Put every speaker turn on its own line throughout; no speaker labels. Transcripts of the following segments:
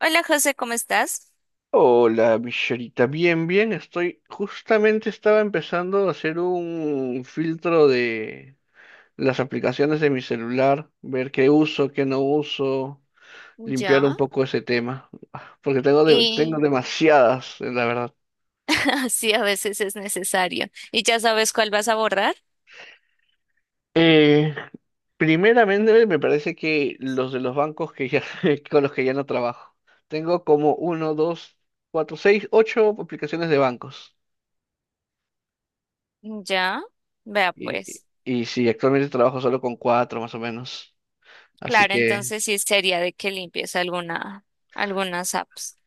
Hola José, ¿cómo estás?
Hola, Michelita. Bien, bien, estoy. Justamente estaba empezando a hacer un filtro de las aplicaciones de mi celular, ver qué uso, qué no uso, limpiar un
Ya.
poco ese tema, porque tengo, tengo
Y
demasiadas, la verdad.
así a veces es necesario. ¿Y ya sabes cuál vas a borrar?
Eh, Primeramente, me parece que los de los bancos que ya, con los que ya no trabajo. Tengo como uno, dos, cuatro, seis, ocho aplicaciones de bancos.
Ya. Vea pues.
Y sí, actualmente trabajo solo con cuatro, más o menos. Así
Claro,
que,
entonces sí sería de que limpies alguna, algunas apps.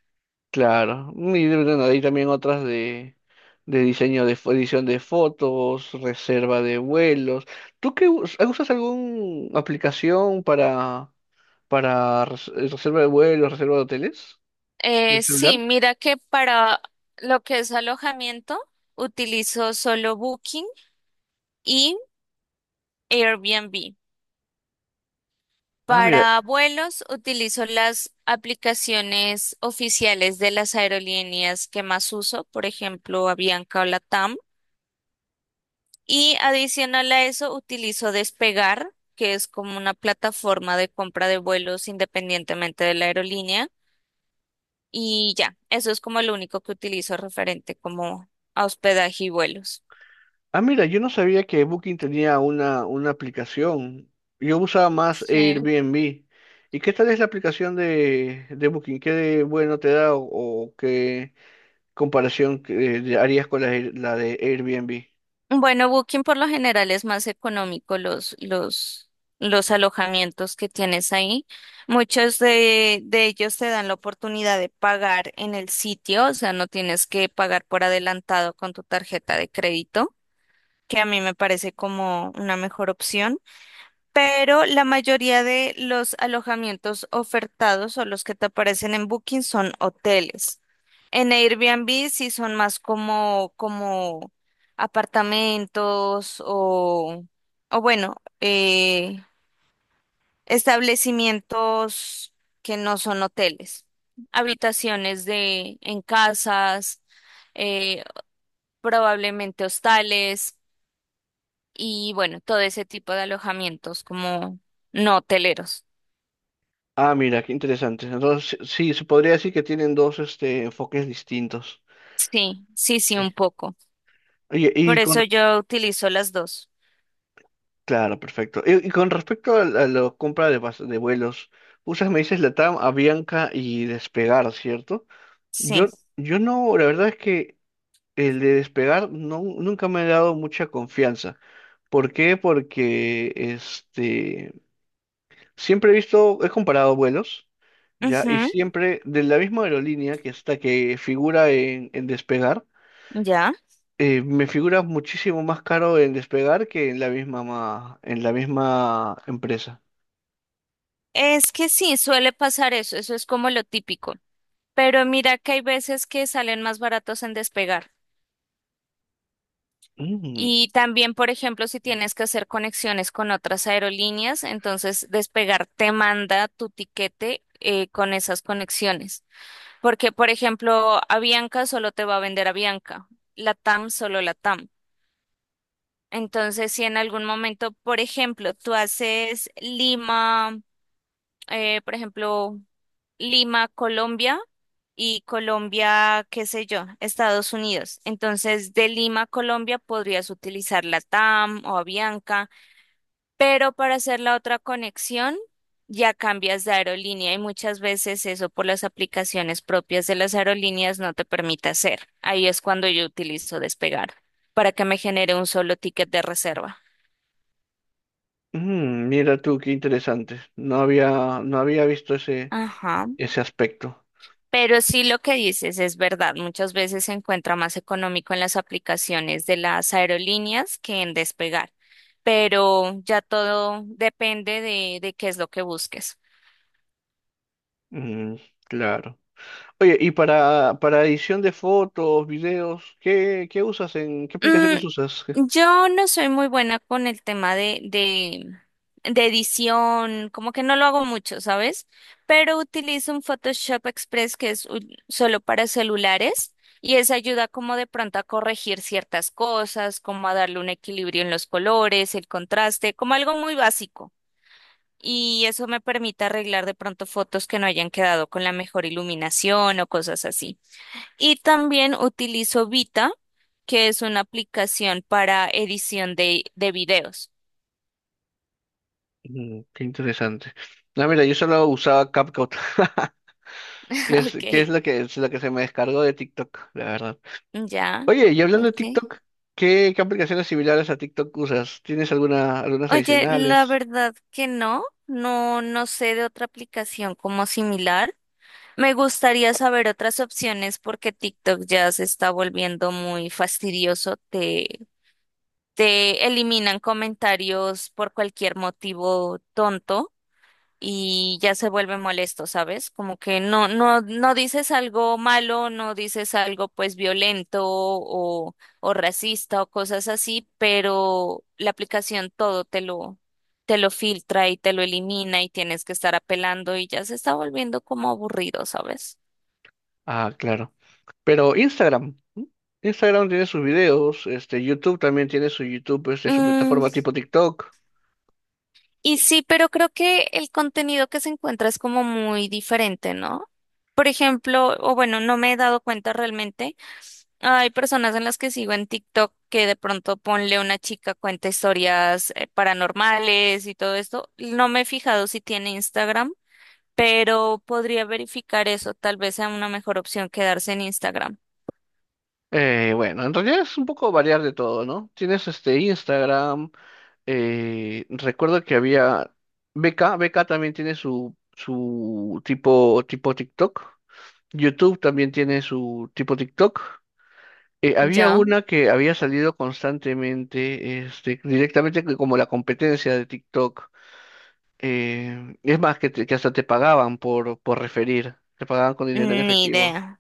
claro. Y bueno, hay también otras de diseño de edición de fotos, reserva de vuelos. ¿Tú qué usas alguna aplicación para reserva de vuelos, reserva de hoteles? ¿El
Sí,
celular?
mira que para lo que es alojamiento utilizo solo Booking y Airbnb.
Ah, mira.
Para vuelos utilizo las aplicaciones oficiales de las aerolíneas que más uso, por ejemplo, Avianca o LATAM. Y adicional a eso, utilizo Despegar, que es como una plataforma de compra de vuelos independientemente de la aerolínea. Y ya, eso es como lo único que utilizo referente como a hospedaje y vuelos.
Ah, mira, yo no sabía que Booking tenía una aplicación. Yo usaba más
Sí.
Airbnb. ¿Y qué tal es la aplicación de Booking? ¿Qué de bueno te da o qué? Comparación que harías con la, la de Airbnb.
Bueno, Booking por lo general es más económico los alojamientos que tienes ahí. Muchos de ellos te dan la oportunidad de pagar en el sitio, o sea, no tienes que pagar por adelantado con tu tarjeta de crédito, que a mí me parece como una mejor opción, pero la mayoría de los alojamientos ofertados o los que te aparecen en Booking son hoteles. En Airbnb sí son más como, como apartamentos o bueno, establecimientos que no son hoteles, habitaciones de, en casas, eh, probablemente hostales. Y bueno, todo ese tipo de alojamientos como no hoteleros.
Ah, mira, qué interesante. Entonces, sí, se podría decir que tienen dos este, enfoques distintos.
Sí, sí, sí,
Sí.
un poco.
Oye, y
Por
con...
eso yo utilizo las dos.
Claro, perfecto. Y con respecto a la compra de, de vuelos, usas, me dices, LATAM, Avianca y Despegar, ¿cierto?
Sí.
Yo, yo no, la verdad es que el de Despegar no, nunca me ha dado mucha confianza. ¿Por qué? Porque este... Siempre he visto, he comparado vuelos, ¿ya? Y
Ujú,
siempre de la misma aerolínea que está, que figura en Despegar,
ya.
me figura muchísimo más caro en Despegar que en la misma, en la misma empresa.
Es que sí, suele pasar eso, eso es como lo típico. Pero mira que hay veces que salen más baratos en Despegar.
Mm,
Y también, por ejemplo, si tienes que hacer conexiones con otras aerolíneas, entonces Despegar te manda tu tiquete con esas conexiones. Porque, por ejemplo, Avianca solo te va a vender Avianca, Latam solo Latam. Entonces, si en algún momento, por ejemplo, tú haces Lima, por ejemplo, Lima, Colombia y Colombia, qué sé yo, Estados Unidos. Entonces, de Lima, Colombia podrías utilizar Latam o Avianca, pero para hacer la otra conexión, ya cambias de aerolínea y muchas veces eso por las aplicaciones propias de las aerolíneas no te permite hacer. Ahí es cuando yo utilizo Despegar para que me genere un solo ticket de reserva.
mm, mira tú, qué interesante. No había, no había visto ese,
Ajá.
ese aspecto.
Pero sí lo que dices es verdad. Muchas veces se encuentra más económico en las aplicaciones de las aerolíneas que en Despegar. Pero ya todo depende de qué es lo que busques.
Mm, claro. Oye, y para edición de fotos, videos, ¿qué, qué usas en, qué
Mm,
aplicaciones usas?
yo no soy muy buena con el tema de edición, como que no lo hago mucho, ¿sabes? Pero utilizo un Photoshop Express que es un- solo para celulares y eso ayuda como de pronto a corregir ciertas cosas, como a darle un equilibrio en los colores, el contraste, como algo muy básico. Y eso me permite arreglar de pronto fotos que no hayan quedado con la mejor iluminación o cosas así. Y también utilizo Vita, que es una aplicación para edición de videos.
Mm, qué interesante. No, mira, yo solo usaba CapCut, que es
Ok,
lo que, es lo que se me descargó de TikTok, la verdad.
ya,
Oye, y hablando de
ok.
TikTok, ¿qué, qué aplicaciones similares a TikTok usas? ¿Tienes alguna, algunas
Oye, la
adicionales?
verdad que no, no, no sé de otra aplicación como similar. Me gustaría saber otras opciones porque TikTok ya se está volviendo muy fastidioso. Te eliminan comentarios por cualquier motivo tonto, y ya se vuelve molesto, ¿sabes? Como que no, no, no dices algo malo, no dices algo pues violento o racista o cosas así, pero la aplicación todo te lo filtra y te lo elimina y tienes que estar apelando y ya se está volviendo como aburrido, ¿sabes?
Ah, claro. Pero Instagram, ¿m? Instagram tiene sus videos, este, YouTube también tiene su YouTube, este, su
Mm,
plataforma tipo TikTok.
y sí, pero creo que el contenido que se encuentra es como muy diferente, ¿no? Por ejemplo, o bueno, no me he dado cuenta realmente. Hay personas en las que sigo en TikTok que de pronto ponle una chica cuenta historias paranormales y todo esto. No me he fijado si tiene Instagram, pero podría verificar eso. Tal vez sea una mejor opción quedarse en Instagram.
Bueno, en realidad es un poco variar de todo, ¿no? Tienes este Instagram. Recuerdo que había beca también tiene su, su tipo, tipo TikTok. YouTube también tiene su tipo TikTok. Había
¿Ya?
una que había salido constantemente, este, directamente que como la competencia de TikTok. Es más, que, que hasta te pagaban por referir, te pagaban con dinero en
Ni
efectivo.
idea.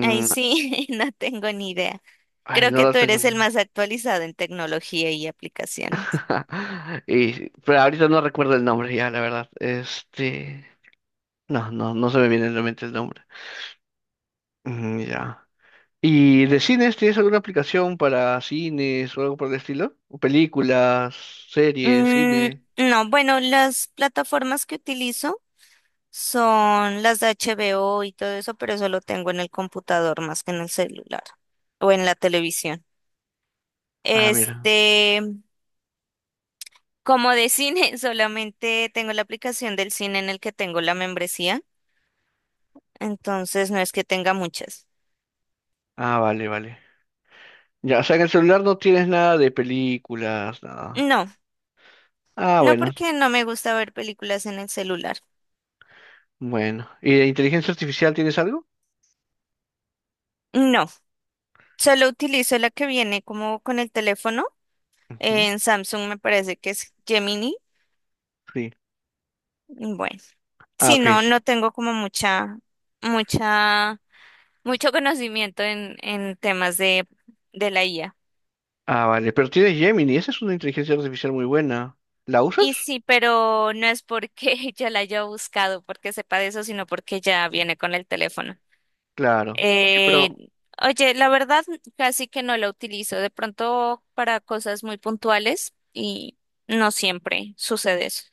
Ahí sí, no tengo ni idea.
ay,
Creo
no
que
lo
tú eres el
tengo.
más actualizado en tecnología y aplicaciones.
Y, pero ahorita no recuerdo el nombre ya, la verdad. Este. No, no, no se me viene a la mente el nombre. Mm, ya. ¿Y de cines tienes alguna aplicación para cines o algo por el estilo? ¿O películas, series,
Mm,
cine?
no, bueno, las plataformas que utilizo son las de HBO y todo eso, pero eso lo tengo en el computador más que en el celular o en la televisión.
Ah, mira.
Este, como de cine, solamente tengo la aplicación del cine en el que tengo la membresía, entonces no es que tenga muchas.
Ah, vale, vale. Ya, o sea, en el celular no tienes nada de películas, nada.
No,
Ah,
no
bueno,
porque no me gusta ver películas en el celular.
bueno. ¿Y de inteligencia artificial tienes algo?
No, solo utilizo la que viene como con el teléfono.
Ujú,
En Samsung me parece que es Gemini.
sí.
Bueno.
Ah,
Sí,
ok.
no, no tengo como mucha, mucho conocimiento en temas de la IA.
Ah, vale. Pero tienes Gemini, esa es una inteligencia artificial muy buena. ¿La usas?
Y sí, pero no es porque ya la haya buscado, porque sepa de eso, sino porque ya viene con el teléfono.
Claro. Oye, pero
Eh, oye, la verdad, casi que no la utilizo. De pronto para cosas muy puntuales y no siempre sucede eso.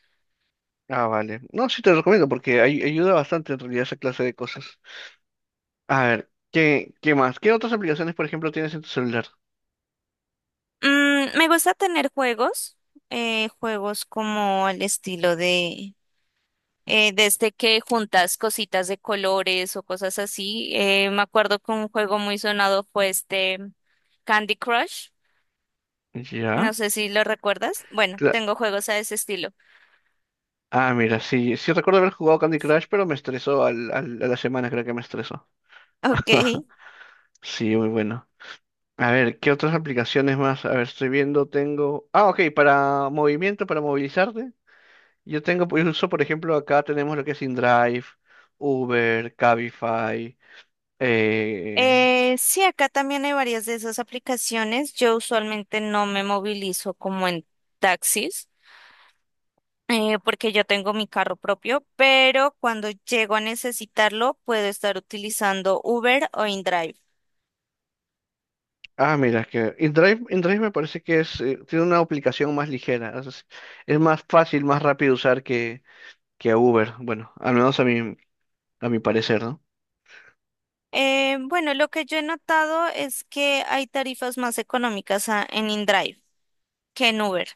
ah, vale. No, sí te lo recomiendo porque ayuda bastante en realidad esa clase de cosas. A ver, ¿qué, qué más? ¿Qué otras aplicaciones, por ejemplo, tienes en tu celular?
Mm, me gusta tener juegos, juegos como al estilo de desde que juntas cositas de colores o cosas así. Me acuerdo que un juego muy sonado fue este Candy Crush. No
Ya.
sé si lo recuerdas. Bueno,
cla-
tengo juegos a ese estilo.
Ah, mira, sí, sí recuerdo haber jugado Candy Crush, pero me estresó al, a la semana, creo que me estresó.
Ok.
Sí, muy bueno. A ver, ¿qué otras aplicaciones más? A ver, estoy viendo, tengo... Ah, ok, para movimiento, para movilizarte. Yo tengo, pues, uso, por ejemplo, acá tenemos lo que es InDrive, Uber, Cabify, eh.
Sí, acá también hay varias de esas aplicaciones. Yo usualmente no me movilizo como en taxis, porque yo tengo mi carro propio, pero cuando llego a necesitarlo, puedo estar utilizando Uber o InDrive.
Ah, mira, es que InDrive, InDrive me parece que es, tiene una aplicación más ligera, es más fácil, más rápido de usar que Uber, bueno, al menos a mi parecer, ¿no?
Bueno, lo que yo he notado es que hay tarifas más económicas a- en InDrive que en Uber.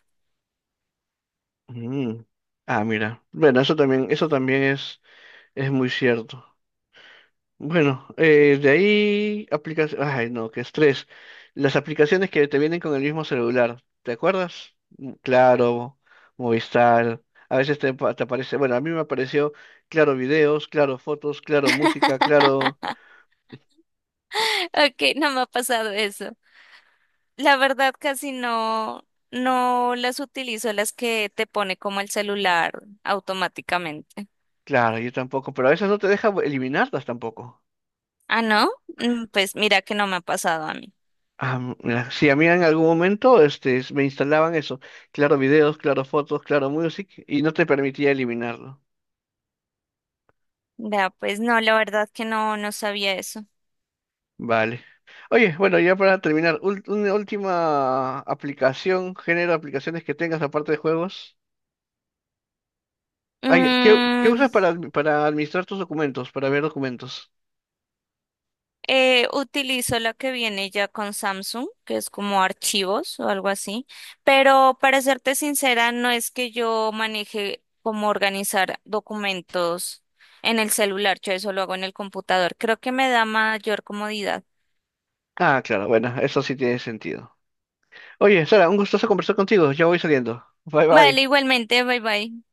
Mm. Ah, mira, bueno, eso también es muy cierto. Bueno, de ahí aplicaciones, ay no, qué estrés. Las aplicaciones que te vienen con el mismo celular, ¿te acuerdas? Mm, Claro, Movistar, a veces te, te aparece, bueno, a mí me apareció Claro videos, Claro fotos, Claro música, Claro,
Ok, no me ha pasado eso. La verdad, casi no, no las utilizo, las que te pone como el celular automáticamente.
claro, yo tampoco, pero a veces no te deja eliminarlas tampoco.
Ah, ¿no? Mm, pues mira que no me ha pasado a mí.
Ah, mira, sí, a mí en algún momento este, me instalaban eso, Claro videos, Claro fotos, Claro music, y no te permitía eliminarlo.
Vea, pues no, la verdad que no, no sabía eso.
Vale. Oye, bueno, ya para terminar, una última aplicación, género de aplicaciones que tengas aparte de juegos. Ay, ¿qué, qué
Mm,
usas para, para administrar tus documentos, para ver documentos?
Utilizo la que viene ya con Samsung, que es como archivos o algo así, pero para serte sincera, no es que yo maneje cómo organizar documentos en el celular, yo eso lo hago en el computador. Creo que me da mayor comodidad.
Ah, claro, bueno, eso sí tiene sentido. Oye, Sara, un gustoso conversar contigo. Ya voy saliendo. Bye
Vale,
bye.
igualmente, bye bye.